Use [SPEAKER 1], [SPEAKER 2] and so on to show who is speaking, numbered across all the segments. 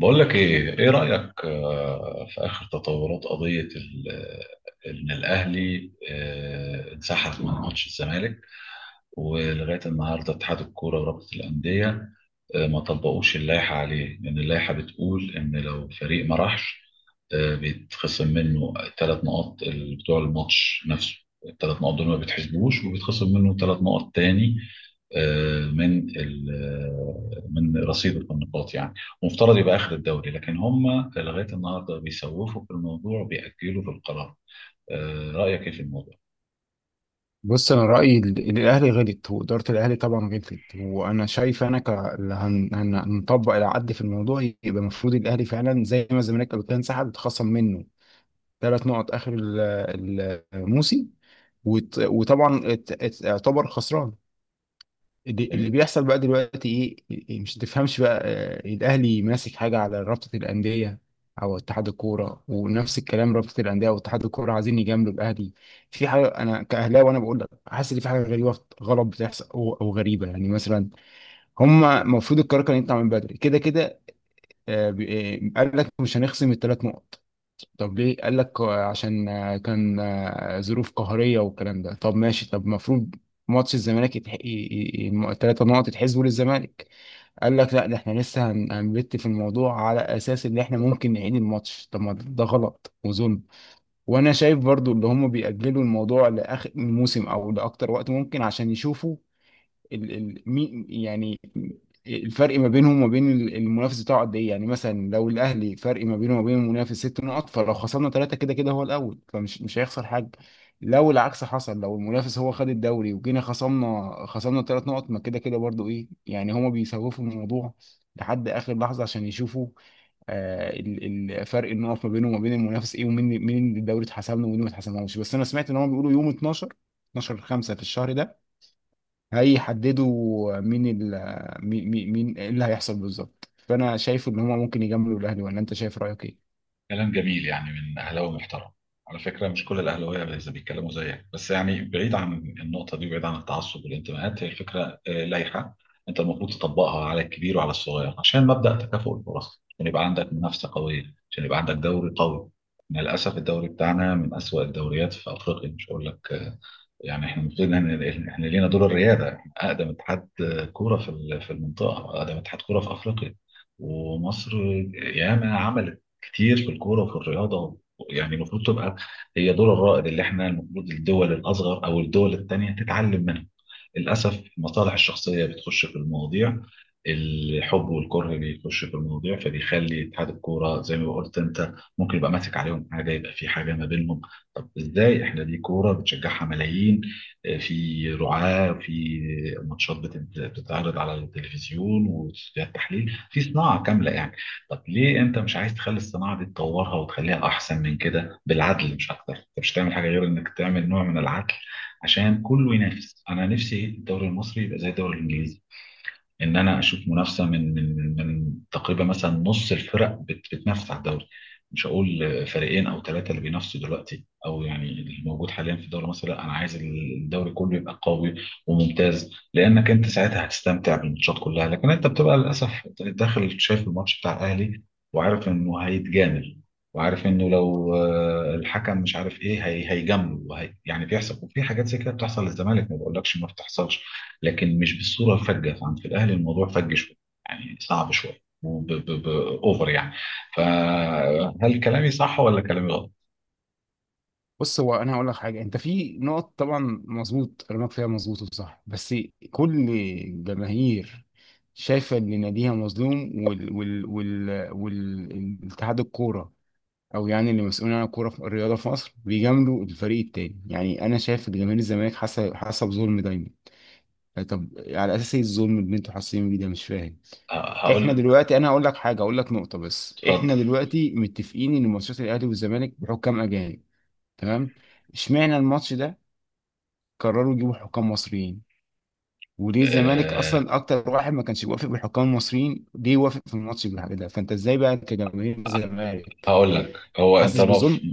[SPEAKER 1] بقول لك ايه ايه رأيك في اخر تطورات قضية ان الاهلي انسحب من ماتش الزمالك ولغايه النهارده اتحاد الكوره ورابطه الانديه ما طبقوش اللائحه عليه لان اللائحه بتقول ان لو فريق ما راحش بيتخصم منه ثلاث نقاط بتوع الماتش نفسه. الثلاث نقاط دول ما بيتحسبوش وبيتخصم منه ثلاث نقط تاني آه، من ال- آه، من رصيد النقاط يعني. ومفترض يبقى اخر الدوري، لكن هم لغايه النهارده بيسوفوا في الموضوع، بيأجلوا في القرار. رأيك ايه في الموضوع؟
[SPEAKER 2] بص انا رايي إن الاهلي غلط، واداره الاهلي طبعا غلطت. وانا شايف انا ك اللي هنطبق العد في الموضوع، يبقى المفروض الاهلي فعلا زي ما الزمالك قبل كده انسحب، اتخصم منه ثلاث نقط اخر الموسم، وطبعا اعتبر خسران. اللي بيحصل بقى دلوقتي ايه؟ مش تفهمش بقى. آه، إيه، الاهلي ماسك حاجه على رابطه الانديه او اتحاد الكوره، ونفس الكلام رابطه الانديه واتحاد الكوره عايزين يجاملوا الاهلي في حاجه. انا كاهلاوي وانا بقول لك حاسس ان في حاجه غريبه غلط بتحصل، او غريبه يعني. مثلا هم المفروض القرار كان يطلع من بدري كده كده. قال لك مش هنخصم الثلاث نقط. طب ليه؟ قال لك عشان كان ظروف قهرية والكلام ده. طب ماشي، طب المفروض ماتش الزمالك الثلاثة نقط يتحسبوا للزمالك. قال لك لا، ده احنا لسه هنبت في الموضوع على اساس ان احنا ممكن نعيد الماتش. طب ما ده غلط وظلم. وانا شايف برضو اللي هم بيأجلوا الموضوع لاخر الموسم او لاكتر وقت ممكن عشان يشوفوا ال مين يعني الفرق ما بينهم وما بين المنافس بتاعه قد ايه. يعني مثلا لو الاهلي فرق ما بينه وما بين المنافس ست نقط، فلو خسرنا ثلاثه، كده كده هو الاول، فمش مش هيخسر حاجه. لو العكس حصل، لو المنافس هو خد الدوري وجينا خصمنا ثلاث نقط، ما كده كده برضو. ايه يعني، هما بيسوفوا الموضوع لحد اخر لحظه عشان يشوفوا فرق النقط ما بينه وما بين المنافس ايه، ومين الدوري اتحسم له ومين ما اتحسملوش. بس انا سمعت ان هم بيقولوا يوم 12، 12/5 في الشهر ده هيحددوا مين ال مين مين مين إيه اللي هيحصل بالظبط. فانا شايف ان هما ممكن يجاملوا الاهلي، ولا انت شايف رايك ايه؟
[SPEAKER 1] كلام جميل، يعني من اهلاوي محترم. على فكره مش كل الاهلاويه زي بيتكلموا زيك، بس يعني بعيد عن النقطه دي وبعيد عن التعصب والانتماءات، هي الفكره لايحه انت المفروض تطبقها على الكبير وعلى الصغير، عشان مبدا تكافؤ الفرص، عشان يبقى عندك منافسه قويه، عشان يبقى عندك دوري قوي. إحنا للاسف الدوري بتاعنا من اسوأ الدوريات في افريقيا، مش هقول لك يعني احنا المفروض إن احنا لينا دور الرياده. احنا اقدم اتحاد كوره في المنطقه، اقدم اتحاد كوره في افريقيا ومصر. ياما عملت كتير في الكوره وفي الرياضه، يعني المفروض تبقى هي دور الرائد اللي احنا المفروض الدول الاصغر او الدول التانيه تتعلم منها. للاسف المصالح الشخصيه بتخش في المواضيع، الحب والكره بيخش في المواضيع، فبيخلي اتحاد الكوره زي ما قلت انت ممكن يبقى ماسك عليهم حاجه، يبقى في حاجه ما بينهم. طب ازاي احنا دي كوره بتشجعها ملايين، في رعاه، في ماتشات بتتعرض على التلفزيون، واستوديوهات تحليل، في صناعه كامله يعني. طب ليه انت مش عايز تخلي الصناعه دي تطورها وتخليها احسن من كده؟ بالعدل مش اكتر، انت مش هتعمل حاجه غير انك تعمل نوع من العدل عشان كله ينافس. انا نفسي الدوري المصري يبقى زي الدوري الانجليزي، ان انا اشوف منافسه من تقريبا مثلا نص الفرق بتنافس على الدوري. مش هقول فريقين او ثلاثه اللي بينافسوا دلوقتي او يعني اللي موجود حاليا في الدوري المصري، لا، انا عايز الدوري كله يبقى قوي وممتاز، لانك انت ساعتها هتستمتع بالماتشات كلها. لكن انت بتبقى للاسف داخل شايف الماتش بتاع الاهلي وعارف انه هيتجامل، وعارف انه لو الحكم مش عارف ايه هي هيجامله يعني بيحصل. وفي حاجات زي كده بتحصل للزمالك، ما بقولكش ما بتحصلش، لكن مش بالصوره الفجه. فعند في الاهلي الموضوع فج شويه يعني، صعب شويه، اوفر يعني. فهل كلامي صح ولا كلامي غلط؟
[SPEAKER 2] بص، هو انا هقول لك حاجه. انت في نقط طبعا مظبوط كلامك فيها، مظبوط وصح، بس كل جماهير شايفه ان ناديها مظلوم، وال والاتحاد الكوره او يعني اللي مسؤولين عن الكوره في الرياضه في مصر بيجاملوا الفريق التاني. يعني انا شايف ان جماهير الزمالك حاسه بظلم دايما. طب على اساس ايه الظلم اللي انتوا حاسين بيه ده؟ مش فاهم.
[SPEAKER 1] ه- هقول
[SPEAKER 2] احنا
[SPEAKER 1] لك.
[SPEAKER 2] دلوقتي، انا هقول لك حاجه، هقول لك نقطه بس.
[SPEAKER 1] اتفضل.
[SPEAKER 2] احنا دلوقتي متفقين ان ماتشات الاهلي والزمالك بحكام اجانب. تمام؟ اشمعنى الماتش ده قرروا يجيبوا حكام مصريين؟ وليه الزمالك
[SPEAKER 1] آه،
[SPEAKER 2] اصلا، اكتر واحد ما كانش بيوافق بالحكام المصريين، ليه وافق في الماتش بالحاجه ده؟ فانت ازاي بقى كجماهير الزمالك
[SPEAKER 1] هقول لك. هو انت
[SPEAKER 2] حاسس
[SPEAKER 1] المف-
[SPEAKER 2] بظلم؟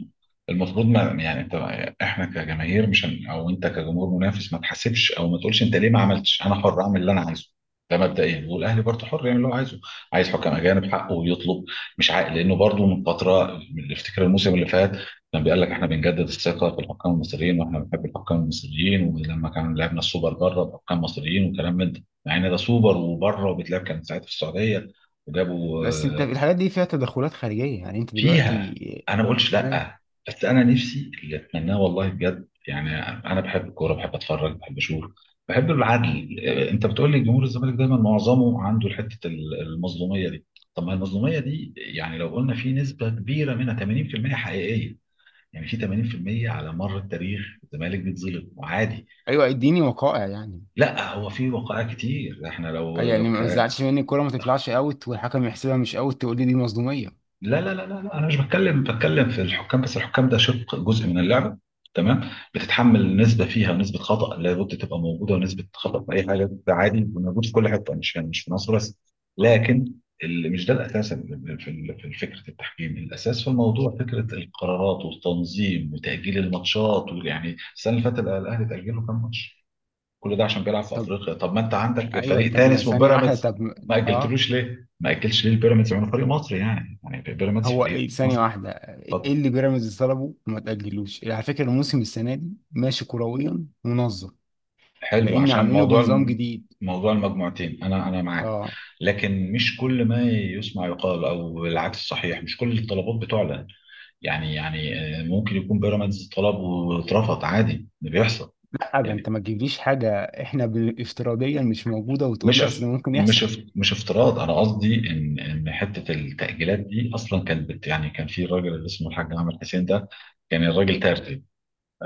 [SPEAKER 1] المفروض ما يعني انت، احنا كجماهير مش هن او انت كجمهور منافس ما تحاسبش او ما تقولش انت ليه ما عملتش، انا حر اعمل اللي انا عايزه. ده مبدئيا. والاهلي برضه حر يعمل اللي هو عايزه، عايز حكم اجانب حقه ويطلب، مش عاق، لانه برضه من فتره، افتكر الموسم اللي فات كان بيقول لك احنا بنجدد الثقه في الحكام المصريين واحنا بنحب الحكام المصريين، ولما كان لعبنا السوبر بره بحكام مصريين وكلام من ده، مع ان ده سوبر وبره وبيتلعب كان ساعتها في السعوديه وجابوا.
[SPEAKER 2] بس انت الحاجات دي فيها تدخلات خارجيه يعني، انت
[SPEAKER 1] فيها،
[SPEAKER 2] دلوقتي
[SPEAKER 1] انا ما قلتش
[SPEAKER 2] فاهم.
[SPEAKER 1] لا. بس انا نفسي اللي اتمناه والله بجد يعني، انا بحب الكوره، بحب اتفرج، بحب اشوف، بحب العدل. انت بتقول لي جمهور الزمالك دايما معظمه عنده حته المظلوميه دي. طب ما المظلوميه دي يعني لو قلنا في نسبه كبيره منها 80% حقيقيه، يعني في 80% على مر التاريخ الزمالك بيتظلم وعادي.
[SPEAKER 2] ايوه، اديني وقائع يعني.
[SPEAKER 1] لا، هو في وقائع كتير. احنا لو
[SPEAKER 2] أي يعني
[SPEAKER 1] لو
[SPEAKER 2] ما تزعلش مني، الكوره ما تطلعش اوت والحكم يحسبها مش اوت تقول لي دي مصدوميه.
[SPEAKER 1] لا لا لا لا لا، انا مش بتكلم بتكلم في الحكام، بس الحكام ده شق جزء من اللعبه، تمام، بتتحمل نسبه فيها، ونسبه خطا لابد تبقى موجوده، ونسبه خطا في اي حاجه ده عادي، موجود في كل حته، مش يعني مش في مصر بس. لكن اللي مش ده الاساس في فكره التحكيم. الاساس في الموضوع فكره القرارات والتنظيم وتاجيل الماتشات. ويعني السنه اللي فاتت الاهلي تاجله كام ماتش؟ كل ده عشان بيلعب في افريقيا. طب ما انت عندك
[SPEAKER 2] ايوه،
[SPEAKER 1] فريق
[SPEAKER 2] طب
[SPEAKER 1] تاني
[SPEAKER 2] ما
[SPEAKER 1] اسمه
[SPEAKER 2] ثانيه واحده،
[SPEAKER 1] بيراميدز،
[SPEAKER 2] طب ما-
[SPEAKER 1] ما
[SPEAKER 2] اه،
[SPEAKER 1] اجلتلوش ليه؟ ما اجلش ليه البيراميدز؟ يعني فريق مصري، يعني يعني بيراميدز
[SPEAKER 2] هو
[SPEAKER 1] فريق
[SPEAKER 2] ايه؟ ثانيه
[SPEAKER 1] مصري.
[SPEAKER 2] واحده، ايه
[SPEAKER 1] اتفضل.
[SPEAKER 2] اللي بيراميدز طلبه وما تاجلوش؟ على فكره الموسم السنه دي ماشي كرويا منظم
[SPEAKER 1] حلو،
[SPEAKER 2] لان
[SPEAKER 1] عشان
[SPEAKER 2] عاملينه
[SPEAKER 1] موضوع
[SPEAKER 2] بنظام جديد.
[SPEAKER 1] موضوع المجموعتين انا انا معاك.
[SPEAKER 2] اه.
[SPEAKER 1] لكن مش كل ما يسمع يقال، او العكس صحيح، مش كل الطلبات بتعلن. يعني يعني ممكن يكون بيراميدز طلب واترفض، عادي ده بيحصل.
[SPEAKER 2] لا، ده انت
[SPEAKER 1] يعني
[SPEAKER 2] ما تجيبليش حاجه احنا افتراضيا مش موجوده وتقول لي اصل ممكن يحصل.
[SPEAKER 1] مش افتراض. انا قصدي ان ان حته التاجيلات دي اصلا كانت بت، يعني كان في راجل اللي اسمه الحاج عامر حسين ده، كان الراجل تردد.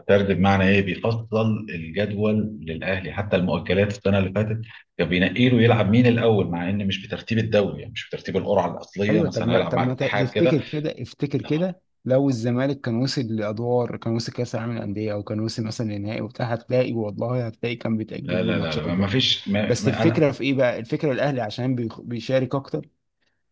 [SPEAKER 1] تردد بمعنى ايه؟ بيفصل الجدول للاهلي حتى المؤجلات السنه اللي فاتت، كان بينقي له يلعب مين الاول، مع ان مش بترتيب الدوري، يعني مش بترتيب القرعه الاصليه،
[SPEAKER 2] ايوه، طب
[SPEAKER 1] مثلا
[SPEAKER 2] ما
[SPEAKER 1] هيلعب
[SPEAKER 2] طب
[SPEAKER 1] مع
[SPEAKER 2] ما ت-
[SPEAKER 1] الاتحاد كده.
[SPEAKER 2] تفتكر كده؟ افتكر كده، لو الزمالك كان وصل لادوار، كان وصل كاس العالم للانديه او كان وصل مثلا للنهائي وبتاع، هتلاقي والله هتلاقي كان
[SPEAKER 1] لا
[SPEAKER 2] بيتاجل له
[SPEAKER 1] لا لا
[SPEAKER 2] ماتشات
[SPEAKER 1] لا ما
[SPEAKER 2] برضه.
[SPEAKER 1] فيش، ما
[SPEAKER 2] بس
[SPEAKER 1] ما انا.
[SPEAKER 2] الفكره في ايه بقى؟ الفكره الاهلي عشان بيشارك اكتر،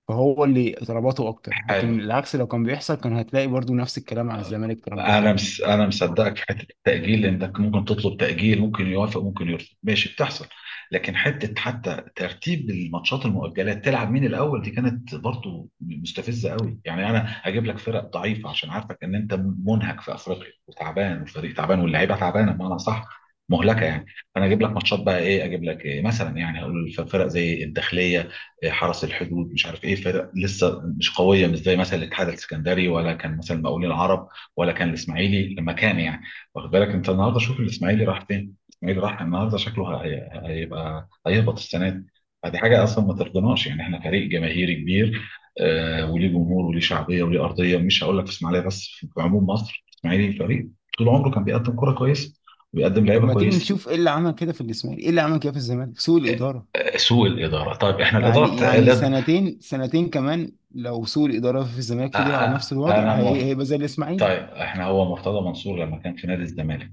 [SPEAKER 2] فهو اللي طلباته اكتر. لكن
[SPEAKER 1] حلو.
[SPEAKER 2] العكس لو كان بيحصل، كان هتلاقي برضه نفس الكلام على الزمالك، طلباته اكتر.
[SPEAKER 1] انا مصدقك في حته التاجيل، انك ممكن تطلب تاجيل، ممكن يوافق ممكن يرفض، ماشي بتحصل. لكن حته حتى ترتيب الماتشات المؤجلات تلعب مين الاول دي كانت برضو مستفزه قوي. يعني انا هجيب لك فرق ضعيفه عشان عارفك ان انت منهك في افريقيا وتعبان والفريق تعبان واللعيبه تعبانه، بمعنى صح، مهلكه يعني. فانا اجيب لك ماتشات بقى ايه؟ اجيب لك إيه؟ مثلا يعني هقول فرق زي الداخليه، إيه، حرس الحدود، مش عارف ايه، فرق لسه مش قويه، مش زي مثلا الاتحاد السكندري، ولا كان مثلا المقاولين العرب، ولا كان الاسماعيلي لما كان يعني. واخد بالك انت النهارده شوف الاسماعيلي راح فين؟ الاسماعيلي راح، النهارده شكله هيبقى هيهبط السنه دي. فدي حاجه اصلا ما ترضناش، يعني احنا فريق جماهيري كبير، آه، وليه جمهور وليه شعبيه وليه ارضيه. مش هقول لك في اسماعيليه بس، في عموم مصر الاسماعيلي فريق طول عمره كان بيقدم كره كويسه وبيقدم
[SPEAKER 2] طب
[SPEAKER 1] لعيبه
[SPEAKER 2] ما تيجي
[SPEAKER 1] كويسه.
[SPEAKER 2] نشوف ايه اللي عمل كده في الاسماعيلي، ايه اللي عمل كده في الزمالك؟ سوء
[SPEAKER 1] آه،
[SPEAKER 2] الاداره.
[SPEAKER 1] سوء الاداره. طيب احنا الاداره
[SPEAKER 2] يعني
[SPEAKER 1] بتاع
[SPEAKER 2] يعني سنتين سنتين كمان لو سوء الاداره في الزمالك فضل على نفس الوضع،
[SPEAKER 1] انا موافق.
[SPEAKER 2] هيبقى زي الاسماعيلي.
[SPEAKER 1] طيب احنا هو مرتضى منصور لما كان في نادي الزمالك،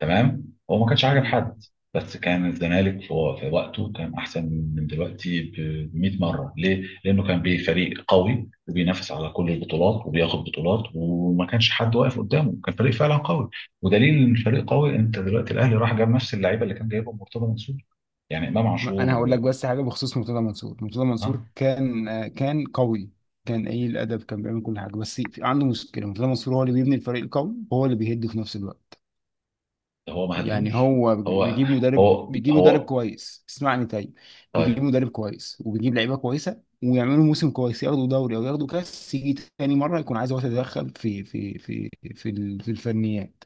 [SPEAKER 1] تمام، هو ما كانش عاجب
[SPEAKER 2] مم.
[SPEAKER 1] حد، بس كان الزمالك في في وقته كان احسن من دلوقتي ب 100 مره. ليه؟ لانه كان بفريق قوي وبينافس على كل البطولات وبياخد بطولات وما كانش حد واقف قدامه، كان فريق فعلا قوي. ودليل ان الفريق قوي انت دلوقتي الاهلي راح جاب نفس اللعيبه اللي كان جايبهم مرتضى منصور، يعني امام عاشور
[SPEAKER 2] انا هقول لك
[SPEAKER 1] و...
[SPEAKER 2] بس حاجه بخصوص مرتضى منصور. مرتضى
[SPEAKER 1] ها،
[SPEAKER 2] منصور كان، كان قوي، كان قليل الادب، كان بيعمل كل حاجه، بس عنده مشكله. مرتضى منصور هو اللي بيبني الفريق القوي وهو اللي بيهد في نفس الوقت.
[SPEAKER 1] ده هو ما
[SPEAKER 2] يعني
[SPEAKER 1] هدوش.
[SPEAKER 2] هو
[SPEAKER 1] هو هو
[SPEAKER 2] بيجيب مدرب
[SPEAKER 1] هو
[SPEAKER 2] كويس، اسمعني طيب، بيجيب
[SPEAKER 1] طيب.
[SPEAKER 2] مدرب كويس وبيجيب لعيبه كويسه ويعملوا موسم كويس، ياخدوا دوري او ياخدوا كاس. يجي تاني مره يكون عايز هو يتدخل في في الفنيات.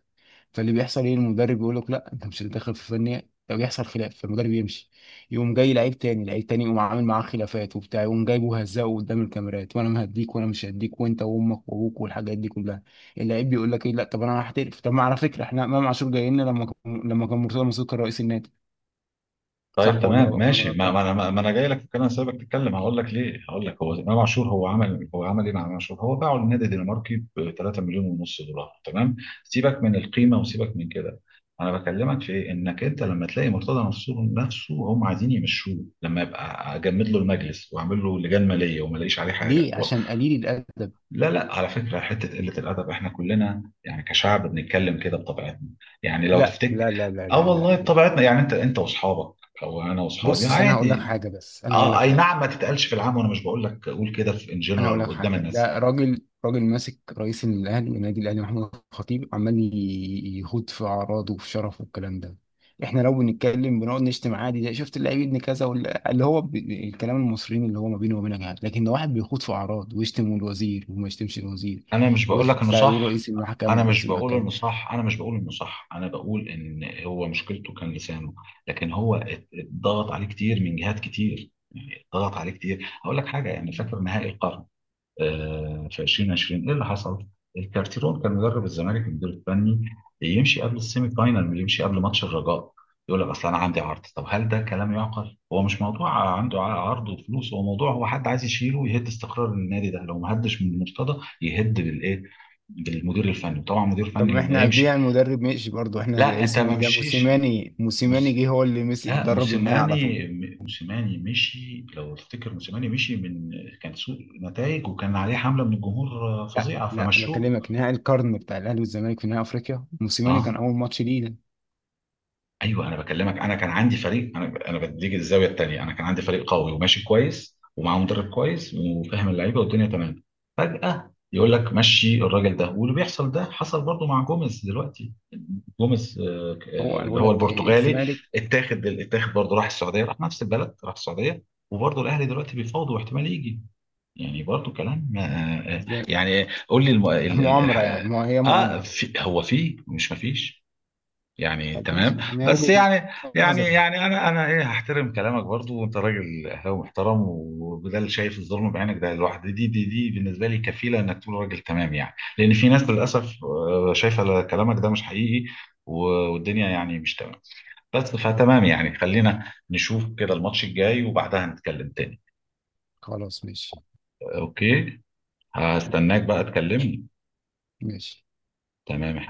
[SPEAKER 2] فاللي بيحصل ايه؟ المدرب يقول لك لا انت مش هتتدخل في الفنيات، لو يحصل خلاف فالمدرب يمشي. يقوم جاي لعيب تاني، لعيب تاني يقوم عامل معاه خلافات وبتاع، يقوم جايبه هزقه قدام الكاميرات، وانا مهديك وانا مش هديك وانت وامك وابوك والحاجات دي كلها. اللعيب بيقول لك ايه، لا طب انا هحترف. طب ما على فكره احنا امام عاشور جاي لنا لما كان مرتضى منصور كان رئيس النادي.
[SPEAKER 1] طيب
[SPEAKER 2] صح ولا
[SPEAKER 1] تمام
[SPEAKER 2] غلط، ولا أنا
[SPEAKER 1] ماشي، ما
[SPEAKER 2] غلطان؟
[SPEAKER 1] ما انا ما ما انا جاي لك في الكلام، سايبك تتكلم هقول لك ليه. هقول لك، هو امام عاشور هو عمل، هو عمل ايه مع امام عاشور؟ هو باعه للنادي الدنماركي ب 3 مليون ونص دولار، تمام. سيبك من القيمه وسيبك من كده، انا بكلمك في إيه؟ انك انت لما تلاقي مرتضى منصور نفسه هم عايزين يمشوه، لما يبقى اجمد له المجلس واعمل له لجان ماليه وما الاقيش عليه حاجه.
[SPEAKER 2] ليه؟ عشان قليل الادب.
[SPEAKER 1] لا لا، على فكرة حتة قلة الأدب إحنا كلنا يعني كشعب بنتكلم كده بطبيعتنا، يعني لو
[SPEAKER 2] لا
[SPEAKER 1] تفتك.
[SPEAKER 2] لا لا لا
[SPEAKER 1] آه
[SPEAKER 2] لا
[SPEAKER 1] والله،
[SPEAKER 2] لا لا.
[SPEAKER 1] بطبيعتنا يعني، أنت أنت وأصحابك، أو أنا وأصحابي،
[SPEAKER 2] بص انا هقول لك
[SPEAKER 1] عادي.
[SPEAKER 2] حاجه،
[SPEAKER 1] آه أي نعم ما تتقالش في العام، وأنا مش بقول لك قول كده في إن
[SPEAKER 2] انا اقول
[SPEAKER 1] جنرال
[SPEAKER 2] لك
[SPEAKER 1] قدام
[SPEAKER 2] حاجه.
[SPEAKER 1] الناس.
[SPEAKER 2] ده راجل، راجل ماسك رئيس الاهلي، النادي الاهلي محمد الخطيب، عمال يخوض في اعراضه وفي شرفه والكلام ده. احنا لو بنتكلم بنقعد نشتم عادي، ده شفت اللعيب ابن كذا اللي هو الكلام المصريين اللي هو ما بينه وما بينك، لكن لو واحد بيخوض في اعراض ويشتم الوزير، وما يشتمش الوزير،
[SPEAKER 1] أنا مش بقول لك إنه
[SPEAKER 2] ويطلع يقول
[SPEAKER 1] صح
[SPEAKER 2] رئيس المحكمه
[SPEAKER 1] أنا مش
[SPEAKER 2] ورئيس
[SPEAKER 1] بقول
[SPEAKER 2] المحكمه.
[SPEAKER 1] إنه صح أنا مش بقول إنه صح. أنا بقول إن هو مشكلته كان لسانه. لكن هو اتضغط عليه كتير من جهات كتير، اتضغط عليه كتير. هقول لك حاجة، يعني فاكر نهائي القرن؟ في 2020 ايه اللي حصل؟ الكارتيرون كان مدرب الزمالك المدير الفني، يمشي قبل السيمي فاينال، يمشي قبل ماتش الرجاء. يقول لك اصل انا عندي عرض. طب هل ده كلام يعقل؟ هو مش موضوع عنده عرض وفلوس، هو موضوع هو حد عايز يشيله ويهد استقرار النادي ده. لو ما هدش من المرتضى يهد بالايه؟ بالمدير الفني، وطبعا المدير
[SPEAKER 2] طب
[SPEAKER 1] الفني
[SPEAKER 2] ما
[SPEAKER 1] لما
[SPEAKER 2] احنا
[SPEAKER 1] يمشي.
[SPEAKER 2] قبليها المدرب مشي برضه احنا،
[SPEAKER 1] لا
[SPEAKER 2] زي
[SPEAKER 1] انت
[SPEAKER 2] اسمه
[SPEAKER 1] ما
[SPEAKER 2] ايه ده،
[SPEAKER 1] مشيش.
[SPEAKER 2] موسيماني. موسيماني جه هو اللي مسك
[SPEAKER 1] لا
[SPEAKER 2] درب النهائي على طول.
[SPEAKER 1] موسيماني، موسيماني مشي لو تفتكر. موسيماني مشي من، كان سوء نتائج وكان عليه حملة من الجمهور
[SPEAKER 2] لا
[SPEAKER 1] فظيعة،
[SPEAKER 2] لا، انا
[SPEAKER 1] فمشوه.
[SPEAKER 2] بكلمك نهائي القرن بتاع الاهلي والزمالك في نهائي افريقيا، موسيماني
[SPEAKER 1] اه،
[SPEAKER 2] كان اول ماتش ليه ده.
[SPEAKER 1] أيوه. أنا باكلمك، أنا كان عندي فريق، أنا بديك الزاوية التانية، أنا كان عندي فريق قوي وماشي كويس ومعاه مدرب كويس وفاهم اللعيبة والدنيا تمام، فجأة يقول لك مشي الراجل ده. واللي بيحصل ده حصل برضو مع جوميز دلوقتي. جوميز
[SPEAKER 2] هو انا
[SPEAKER 1] اللي
[SPEAKER 2] بقول
[SPEAKER 1] هو
[SPEAKER 2] لك
[SPEAKER 1] البرتغالي،
[SPEAKER 2] الزمالك
[SPEAKER 1] اتاخد، اتاخد برضه، راح السعوديه، راح نفس البلد، راح السعوديه. وبرضه الاهلي دلوقتي بيفاوضوا واحتمال يجي، يعني برضه كلام.
[SPEAKER 2] ز-
[SPEAKER 1] يعني قول لي الم... ال... ال...
[SPEAKER 2] مؤامره يعني،
[SPEAKER 1] الح-
[SPEAKER 2] ما هي
[SPEAKER 1] اه،
[SPEAKER 2] مؤامره.
[SPEAKER 1] في، هو في، مش ما فيش يعني
[SPEAKER 2] طب
[SPEAKER 1] تمام.
[SPEAKER 2] ماشي، يعني هي
[SPEAKER 1] بس
[SPEAKER 2] وجهه
[SPEAKER 1] يعني
[SPEAKER 2] نظر.
[SPEAKER 1] انا انا ايه، هحترم كلامك برضو، وانت راجل اهلاوي محترم، وده اللي شايف الظلم بعينك ده لوحده دي بالنسبه لي كفيله انك تقول راجل تمام يعني. لان في ناس للاسف شايفه كلامك ده مش حقيقي و- والدنيا يعني مش تمام بس. فتمام يعني، خلينا نشوف كده الماتش الجاي وبعدها نتكلم تاني.
[SPEAKER 2] خلاص ماشي.
[SPEAKER 1] اوكي، هستناك
[SPEAKER 2] اوكي.
[SPEAKER 1] بقى تكلمني.
[SPEAKER 2] ماشي.
[SPEAKER 1] تمام.